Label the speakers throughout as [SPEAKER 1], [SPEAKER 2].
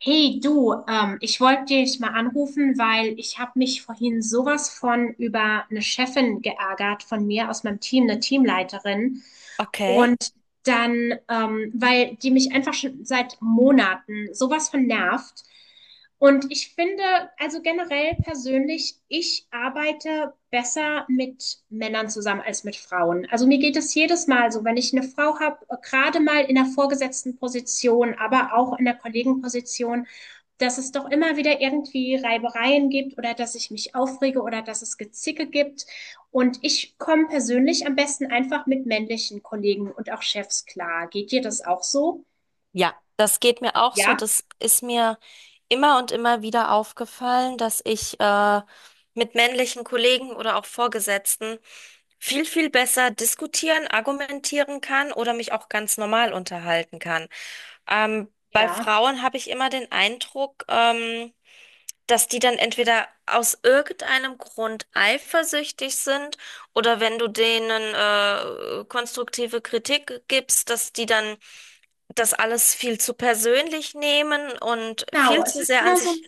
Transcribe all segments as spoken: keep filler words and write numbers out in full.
[SPEAKER 1] Hey du, ähm, ich wollte dich mal anrufen, weil ich habe mich vorhin sowas von über eine Chefin geärgert von mir aus meinem Team, eine Teamleiterin.
[SPEAKER 2] Okay.
[SPEAKER 1] Und dann, ähm, weil die mich einfach schon seit Monaten sowas von nervt. Und ich finde, also generell persönlich, ich arbeite besser mit Männern zusammen als mit Frauen. Also mir geht es jedes Mal so, wenn ich eine Frau habe, gerade mal in der vorgesetzten Position, aber auch in der Kollegenposition, dass es doch immer wieder irgendwie Reibereien gibt oder dass ich mich aufrege oder dass es Gezicke gibt. Und ich komme persönlich am besten einfach mit männlichen Kollegen und auch Chefs klar. Geht dir das auch so?
[SPEAKER 2] Ja, das geht mir auch so.
[SPEAKER 1] Ja,
[SPEAKER 2] Das ist mir immer und immer wieder aufgefallen, dass ich äh, mit männlichen Kollegen oder auch Vorgesetzten viel, viel besser diskutieren, argumentieren kann oder mich auch ganz normal unterhalten kann. Ähm, bei
[SPEAKER 1] Ja,
[SPEAKER 2] Frauen habe ich immer den Eindruck, ähm, dass die dann entweder aus irgendeinem Grund eifersüchtig sind oder wenn du denen äh, konstruktive Kritik gibst, dass die dann das alles viel zu persönlich nehmen und
[SPEAKER 1] genau.
[SPEAKER 2] viel
[SPEAKER 1] Es
[SPEAKER 2] zu
[SPEAKER 1] ist
[SPEAKER 2] sehr an
[SPEAKER 1] immer so
[SPEAKER 2] sich.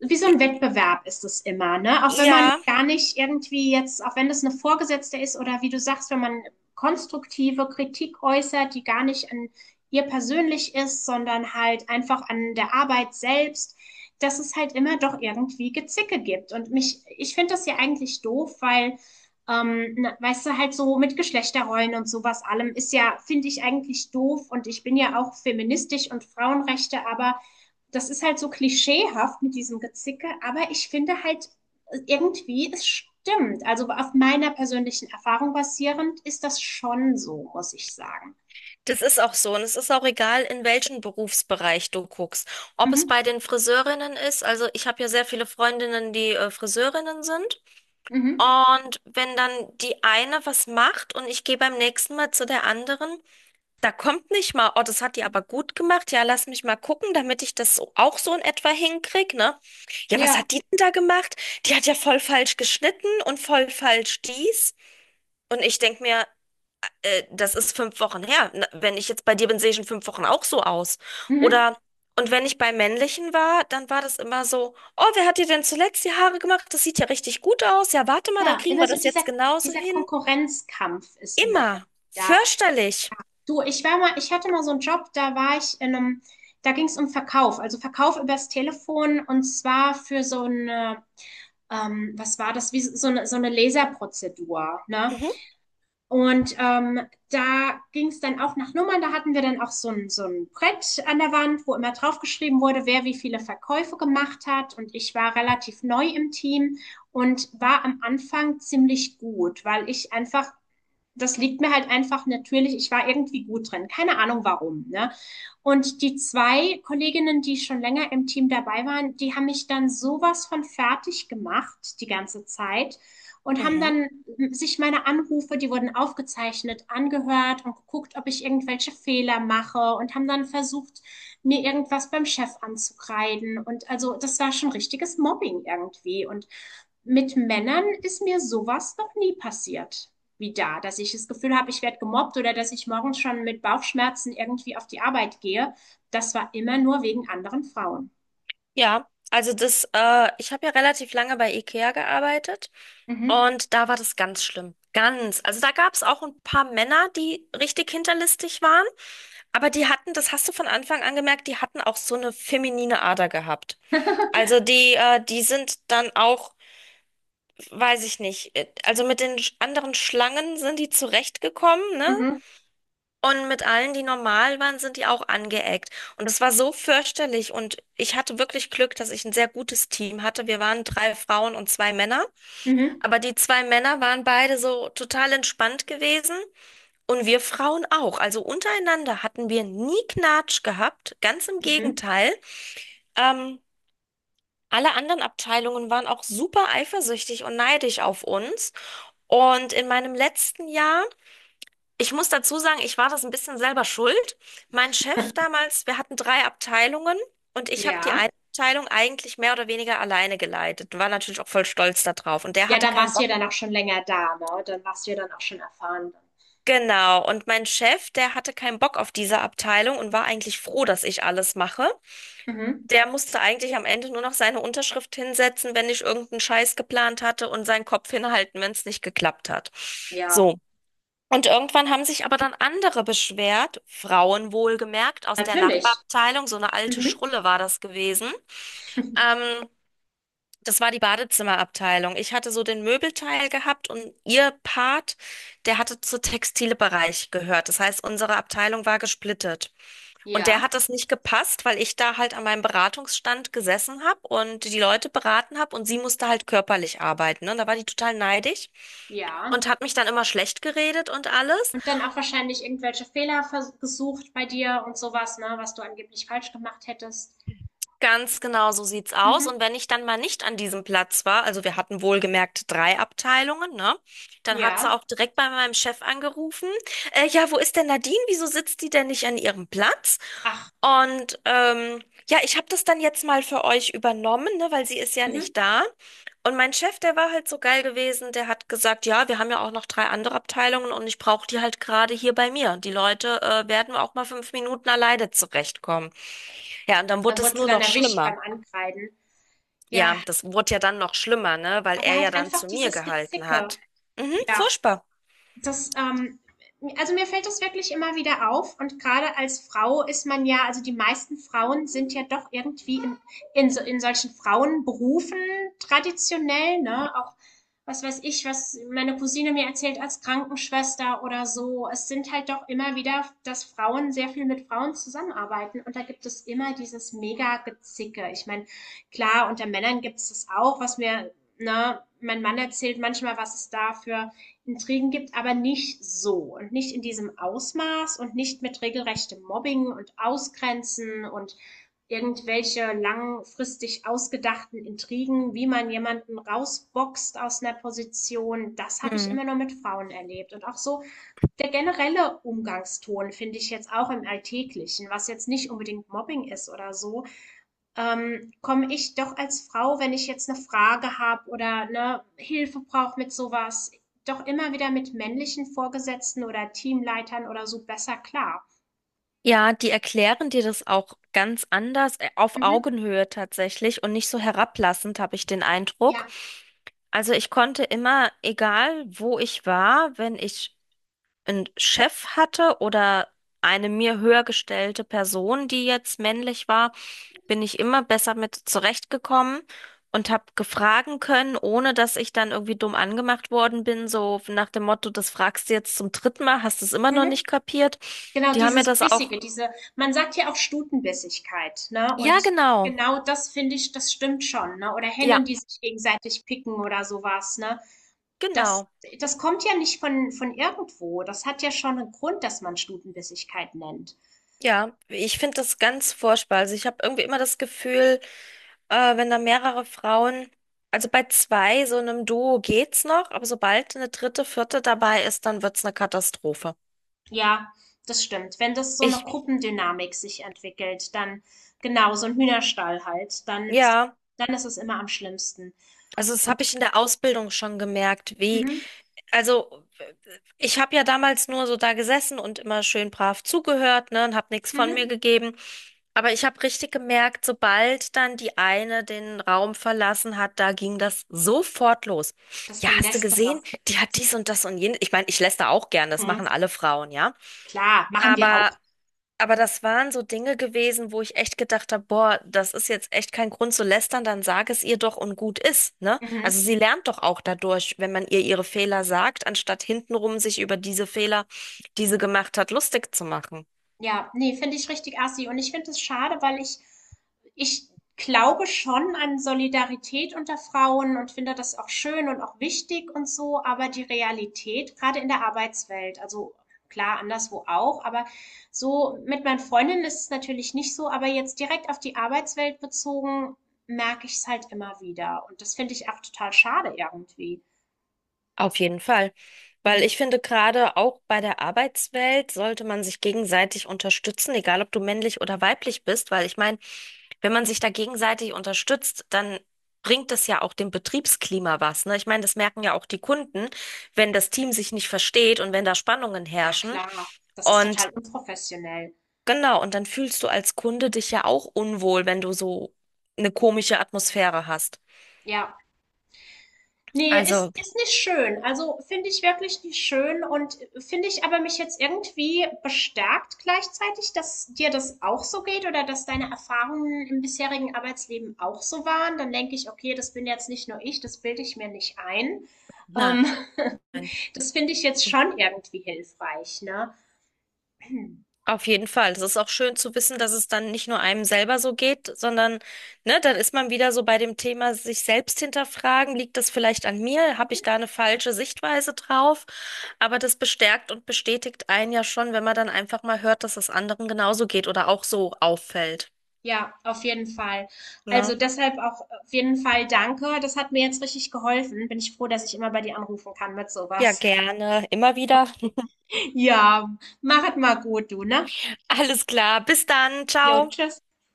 [SPEAKER 1] wie so ein Wettbewerb ist es immer, ne? Auch wenn man
[SPEAKER 2] Ja,
[SPEAKER 1] gar nicht irgendwie jetzt, auch wenn das eine Vorgesetzte ist oder wie du sagst, wenn man konstruktive Kritik äußert, die gar nicht an ihr persönlich ist, sondern halt einfach an der Arbeit selbst, dass es halt immer doch irgendwie Gezicke gibt. Und mich, ich finde das ja eigentlich doof, weil, ähm, na, weißt du, halt so mit Geschlechterrollen und sowas allem ist ja, finde ich eigentlich doof und ich bin ja auch feministisch und Frauenrechte, aber das ist halt so klischeehaft mit diesem Gezicke, aber ich finde halt äh, irgendwie, es stimmt. Also auf meiner persönlichen Erfahrung basierend ist das schon so, muss ich sagen.
[SPEAKER 2] das ist auch so. Und es ist auch egal, in welchen Berufsbereich du guckst. Ob es
[SPEAKER 1] Mhm.
[SPEAKER 2] bei den Friseurinnen ist, also ich habe ja sehr viele Freundinnen, die äh, Friseurinnen sind.
[SPEAKER 1] Mhm.
[SPEAKER 2] Und wenn dann die eine was macht und ich gehe beim nächsten Mal zu der anderen, da kommt nicht mal, oh, das hat die aber gut gemacht. Ja, lass mich mal gucken, damit ich das so, auch so in etwa hinkrieg, ne? Ja, was
[SPEAKER 1] Ja.
[SPEAKER 2] hat die denn da gemacht? Die hat ja voll falsch geschnitten und voll falsch dies. Und ich denk mir, äh, das ist fünf Wochen her. Na, wenn ich jetzt bei dir bin, sehe ich in fünf Wochen auch so aus.
[SPEAKER 1] Mhm.
[SPEAKER 2] Oder, und wenn ich bei männlichen war, dann war das immer so, oh, wer hat dir denn zuletzt die Haare gemacht? Das sieht ja richtig gut aus. Ja, warte mal, dann
[SPEAKER 1] Ja,
[SPEAKER 2] kriegen
[SPEAKER 1] immer
[SPEAKER 2] wir
[SPEAKER 1] so
[SPEAKER 2] das
[SPEAKER 1] dieser,
[SPEAKER 2] jetzt genauso
[SPEAKER 1] dieser
[SPEAKER 2] hin.
[SPEAKER 1] Konkurrenzkampf ist immer irgendwie
[SPEAKER 2] Immer.
[SPEAKER 1] da.
[SPEAKER 2] Fürchterlich.
[SPEAKER 1] Du, ich war mal, ich hatte mal so einen Job, da war ich in einem, da ging es um Verkauf, also Verkauf übers Telefon und zwar für so eine, ähm, was war das, wie so so eine, so eine Laserprozedur, ne?
[SPEAKER 2] Mhm.
[SPEAKER 1] Und ähm, da ging es dann auch nach Nummern. Da hatten wir dann auch so ein, so ein Brett an der Wand, wo immer draufgeschrieben wurde, wer wie viele Verkäufe gemacht hat. Und ich war relativ neu im Team und war am Anfang ziemlich gut, weil ich einfach das liegt mir halt einfach natürlich, ich war irgendwie gut drin, keine Ahnung warum, ne? Und die zwei Kolleginnen, die schon länger im Team dabei waren, die haben mich dann sowas von fertig gemacht die ganze Zeit und haben
[SPEAKER 2] Mhm.
[SPEAKER 1] dann sich meine Anrufe, die wurden aufgezeichnet, angehört und geguckt, ob ich irgendwelche Fehler mache und haben dann versucht, mir irgendwas beim Chef anzukreiden. Und also das war schon richtiges Mobbing irgendwie. Und mit Männern ist mir sowas noch nie passiert wieder, dass ich das Gefühl habe, ich werde gemobbt oder dass ich morgens schon mit Bauchschmerzen irgendwie auf die Arbeit gehe. Das war immer nur wegen anderen Frauen.
[SPEAKER 2] Ja, also das, äh, ich habe ja relativ lange bei IKEA gearbeitet
[SPEAKER 1] Mhm.
[SPEAKER 2] und da war das ganz schlimm. Ganz. Also da gab es auch ein paar Männer, die richtig hinterlistig waren, aber die hatten, das hast du von Anfang an gemerkt, die hatten auch so eine feminine Ader gehabt. Also die, äh, die sind dann auch, weiß ich nicht, äh, also mit den sch- anderen Schlangen sind die zurechtgekommen, ne?
[SPEAKER 1] Mhm.
[SPEAKER 2] Und mit allen, die normal waren, sind die auch angeeckt. Und es war so fürchterlich. Und ich hatte wirklich Glück, dass ich ein sehr gutes Team hatte. Wir waren drei Frauen und zwei Männer.
[SPEAKER 1] Mhm.
[SPEAKER 2] Aber die zwei Männer waren beide so total entspannt gewesen. Und wir Frauen auch. Also untereinander hatten wir nie Knatsch gehabt. Ganz im
[SPEAKER 1] Mhm.
[SPEAKER 2] Gegenteil. Ähm, Alle anderen Abteilungen waren auch super eifersüchtig und neidisch auf uns. Und in meinem letzten Jahr, ich muss dazu sagen, ich war das ein bisschen selber schuld. Mein Chef damals, wir hatten drei Abteilungen und ich habe die
[SPEAKER 1] Ja.
[SPEAKER 2] eine Abteilung eigentlich mehr oder weniger alleine geleitet. War natürlich auch voll stolz darauf. Und der
[SPEAKER 1] Ja,
[SPEAKER 2] hatte
[SPEAKER 1] da
[SPEAKER 2] keinen
[SPEAKER 1] warst du
[SPEAKER 2] Bock.
[SPEAKER 1] ja dann auch schon länger da, ne? Dann warst du ja dann auch schon erfahren.
[SPEAKER 2] Genau. Und mein Chef, der hatte keinen Bock auf diese Abteilung und war eigentlich froh, dass ich alles mache.
[SPEAKER 1] Mhm.
[SPEAKER 2] Der musste eigentlich am Ende nur noch seine Unterschrift hinsetzen, wenn ich irgendeinen Scheiß geplant hatte und seinen Kopf hinhalten, wenn es nicht geklappt hat.
[SPEAKER 1] Ja,
[SPEAKER 2] So. Und irgendwann haben sich aber dann andere beschwert, Frauen wohlgemerkt, aus der
[SPEAKER 1] natürlich.
[SPEAKER 2] Nachbarabteilung, so eine alte
[SPEAKER 1] Mhm.
[SPEAKER 2] Schrulle war das gewesen. Ähm, Das war die Badezimmerabteilung. Ich hatte so den Möbelteil gehabt und ihr Part, der hatte zu Textilbereich gehört. Das heißt, unsere Abteilung war gesplittet. Und der
[SPEAKER 1] Ja,
[SPEAKER 2] hat das nicht gepasst, weil ich da halt an meinem Beratungsstand gesessen habe und die Leute beraten habe und sie musste halt körperlich arbeiten. Ne? Und da war die total neidisch
[SPEAKER 1] ja.
[SPEAKER 2] und hat mich dann immer schlecht geredet und alles.
[SPEAKER 1] Und dann auch wahrscheinlich irgendwelche Fehler vers- gesucht bei dir und sowas, ne, was du angeblich falsch gemacht hättest.
[SPEAKER 2] Ganz genau so sieht's aus.
[SPEAKER 1] Mhm.
[SPEAKER 2] Und wenn ich dann mal nicht an diesem Platz war, also wir hatten wohlgemerkt drei Abteilungen, ne? Dann hat
[SPEAKER 1] Ja.
[SPEAKER 2] sie auch direkt bei meinem Chef angerufen. Äh, ja, wo ist denn Nadine? Wieso sitzt die denn nicht an ihrem Platz?
[SPEAKER 1] Ach.
[SPEAKER 2] Und ähm, ja, ich habe das dann jetzt mal für euch übernommen, ne, weil sie ist ja
[SPEAKER 1] Mhm.
[SPEAKER 2] nicht da. Und mein Chef, der war halt so geil gewesen, der hat gesagt, ja, wir haben ja auch noch drei andere Abteilungen und ich brauche die halt gerade hier bei mir. Die Leute äh, werden auch mal fünf Minuten alleine zurechtkommen. Ja, und dann
[SPEAKER 1] Da
[SPEAKER 2] wurde es
[SPEAKER 1] wurde sie
[SPEAKER 2] nur
[SPEAKER 1] dann
[SPEAKER 2] noch
[SPEAKER 1] erwischt
[SPEAKER 2] schlimmer.
[SPEAKER 1] beim Ankreiden. Ja,
[SPEAKER 2] Ja, das wurde ja dann noch schlimmer, ne? Weil
[SPEAKER 1] aber
[SPEAKER 2] er ja
[SPEAKER 1] halt
[SPEAKER 2] dann
[SPEAKER 1] einfach
[SPEAKER 2] zu mir
[SPEAKER 1] dieses
[SPEAKER 2] gehalten
[SPEAKER 1] Gezicke.
[SPEAKER 2] hat. Mhm,
[SPEAKER 1] Ja.
[SPEAKER 2] furchtbar.
[SPEAKER 1] Das, ähm also mir fällt das wirklich immer wieder auf und gerade als Frau ist man ja also die meisten Frauen sind ja doch irgendwie in in so in solchen Frauenberufen traditionell, ne? Auch, was weiß ich, was meine Cousine mir erzählt als Krankenschwester oder so. Es sind halt doch immer wieder, dass Frauen sehr viel mit Frauen zusammenarbeiten und da gibt es immer dieses Mega-Gezicke. Ich meine, klar, unter Männern gibt es das auch, was mir, ne, mein Mann erzählt manchmal, was es da für Intrigen gibt, aber nicht so und nicht in diesem Ausmaß und nicht mit regelrechtem Mobbing und Ausgrenzen und irgendwelche langfristig ausgedachten Intrigen, wie man jemanden rausboxt aus einer Position, das habe ich
[SPEAKER 2] Hm.
[SPEAKER 1] immer nur mit Frauen erlebt. Und auch so der generelle Umgangston finde ich jetzt auch im Alltäglichen, was jetzt nicht unbedingt Mobbing ist oder so, ähm, komme ich doch als Frau, wenn ich jetzt eine Frage habe oder, ne, Hilfe brauche mit sowas, doch immer wieder mit männlichen Vorgesetzten oder Teamleitern oder so besser klar.
[SPEAKER 2] Ja, die erklären dir das auch ganz anders, äh, auf
[SPEAKER 1] Mhm.
[SPEAKER 2] Augenhöhe tatsächlich und nicht so herablassend, habe ich den Eindruck.
[SPEAKER 1] Ja.
[SPEAKER 2] Also ich konnte immer, egal wo ich war, wenn ich einen Chef hatte oder eine mir höher gestellte Person, die jetzt männlich war, bin ich immer besser mit zurechtgekommen und habe gefragen können, ohne dass ich dann irgendwie dumm angemacht worden bin, so nach dem Motto, das fragst du jetzt zum dritten Mal, hast du es immer noch
[SPEAKER 1] Mhm.
[SPEAKER 2] nicht kapiert.
[SPEAKER 1] Genau
[SPEAKER 2] Die haben mir
[SPEAKER 1] dieses
[SPEAKER 2] das auch.
[SPEAKER 1] Bissige, diese man sagt ja auch Stutenbissigkeit, ne?
[SPEAKER 2] Ja,
[SPEAKER 1] Und
[SPEAKER 2] genau.
[SPEAKER 1] genau das finde ich, das stimmt schon, ne? Oder Hennen,
[SPEAKER 2] Ja,
[SPEAKER 1] die sich gegenseitig picken oder sowas, ne? Das
[SPEAKER 2] genau.
[SPEAKER 1] Das kommt ja nicht von von irgendwo. Das hat ja schon einen Grund, dass man Stutenbissigkeit nennt.
[SPEAKER 2] Ja, ich finde das ganz furchtbar. Also ich habe irgendwie immer das Gefühl, äh, wenn da mehrere Frauen, also bei zwei, so einem Duo geht's noch, aber sobald eine dritte, vierte dabei ist, dann wird's eine Katastrophe.
[SPEAKER 1] Ja, das stimmt. Wenn das so eine
[SPEAKER 2] Ich,
[SPEAKER 1] Gruppendynamik sich entwickelt, dann genau, so ein Hühnerstall halt, dann ist,
[SPEAKER 2] ja.
[SPEAKER 1] dann ist es immer am schlimmsten.
[SPEAKER 2] Also das habe ich in der Ausbildung schon gemerkt, wie,
[SPEAKER 1] Mhm,
[SPEAKER 2] also ich habe ja damals nur so da gesessen und immer schön brav zugehört, ne, und habe nichts von mir
[SPEAKER 1] mhm.
[SPEAKER 2] gegeben. Aber ich habe richtig gemerkt, sobald dann die eine den Raum verlassen hat, da ging das sofort los.
[SPEAKER 1] Das
[SPEAKER 2] Ja, hast du
[SPEAKER 1] Gelästere.
[SPEAKER 2] gesehen? Die hat dies und das und jenes. Ich meine, ich lässt da auch gern, das machen
[SPEAKER 1] Mhm.
[SPEAKER 2] alle Frauen, ja.
[SPEAKER 1] Klar, machen wir auch.
[SPEAKER 2] Aber aber das waren so Dinge gewesen, wo ich echt gedacht habe, boah, das ist jetzt echt kein Grund zu lästern, dann sag es ihr doch und gut ist, ne?
[SPEAKER 1] Mhm.
[SPEAKER 2] Also sie lernt doch auch dadurch, wenn man ihr ihre Fehler sagt, anstatt hintenrum sich über diese Fehler, die sie gemacht hat, lustig zu machen.
[SPEAKER 1] Ja, ne, finde ich richtig assi. Und ich finde es schade, weil ich, ich glaube schon an Solidarität unter Frauen und finde das auch schön und auch wichtig und so, aber die Realität, gerade in der Arbeitswelt, also klar, anderswo auch, aber so mit meinen Freundinnen ist es natürlich nicht so, aber jetzt direkt auf die Arbeitswelt bezogen, merke ich es halt immer wieder. Und das finde ich auch total schade irgendwie.
[SPEAKER 2] Auf jeden Fall. Weil
[SPEAKER 1] Hm.
[SPEAKER 2] ich finde, gerade auch bei der Arbeitswelt sollte man sich gegenseitig unterstützen, egal ob du männlich oder weiblich bist, weil ich meine, wenn man sich da gegenseitig unterstützt, dann bringt das ja auch dem Betriebsklima was, ne? Ich meine, das merken ja auch die Kunden, wenn das Team sich nicht versteht und wenn da Spannungen
[SPEAKER 1] Ja,
[SPEAKER 2] herrschen.
[SPEAKER 1] klar, das ist
[SPEAKER 2] Und
[SPEAKER 1] total unprofessionell.
[SPEAKER 2] genau, und dann fühlst du als Kunde dich ja auch unwohl, wenn du so eine komische Atmosphäre hast.
[SPEAKER 1] Ja. Nee, ist,
[SPEAKER 2] Also,
[SPEAKER 1] ist nicht schön. Also finde ich wirklich nicht schön und finde ich aber mich jetzt irgendwie bestärkt gleichzeitig, dass dir das auch so geht oder dass deine Erfahrungen im bisherigen Arbeitsleben auch so waren. Dann denke ich, okay, das bin jetzt nicht nur ich, das bilde ich mir nicht ein.
[SPEAKER 2] nein.
[SPEAKER 1] Ähm, das finde ich jetzt schon irgendwie hilfreich, ne?
[SPEAKER 2] Auf jeden Fall. Es ist auch schön zu wissen, dass es dann nicht nur einem selber so geht, sondern, ne, dann ist man wieder so bei dem Thema sich selbst hinterfragen. Liegt das vielleicht an mir? Habe ich da eine falsche Sichtweise drauf? Aber das bestärkt und bestätigt einen ja schon, wenn man dann einfach mal hört, dass es anderen genauso geht oder auch so auffällt.
[SPEAKER 1] Ja, auf jeden Fall. Also
[SPEAKER 2] Ne?
[SPEAKER 1] deshalb auch auf jeden Fall danke. Das hat mir jetzt richtig geholfen. Bin ich froh, dass ich immer bei dir anrufen kann mit
[SPEAKER 2] Ja,
[SPEAKER 1] sowas.
[SPEAKER 2] gerne. Immer wieder.
[SPEAKER 1] Ja, machet mal gut, du, ne?
[SPEAKER 2] Alles klar. Bis dann.
[SPEAKER 1] Jo,
[SPEAKER 2] Ciao.
[SPEAKER 1] tschüss.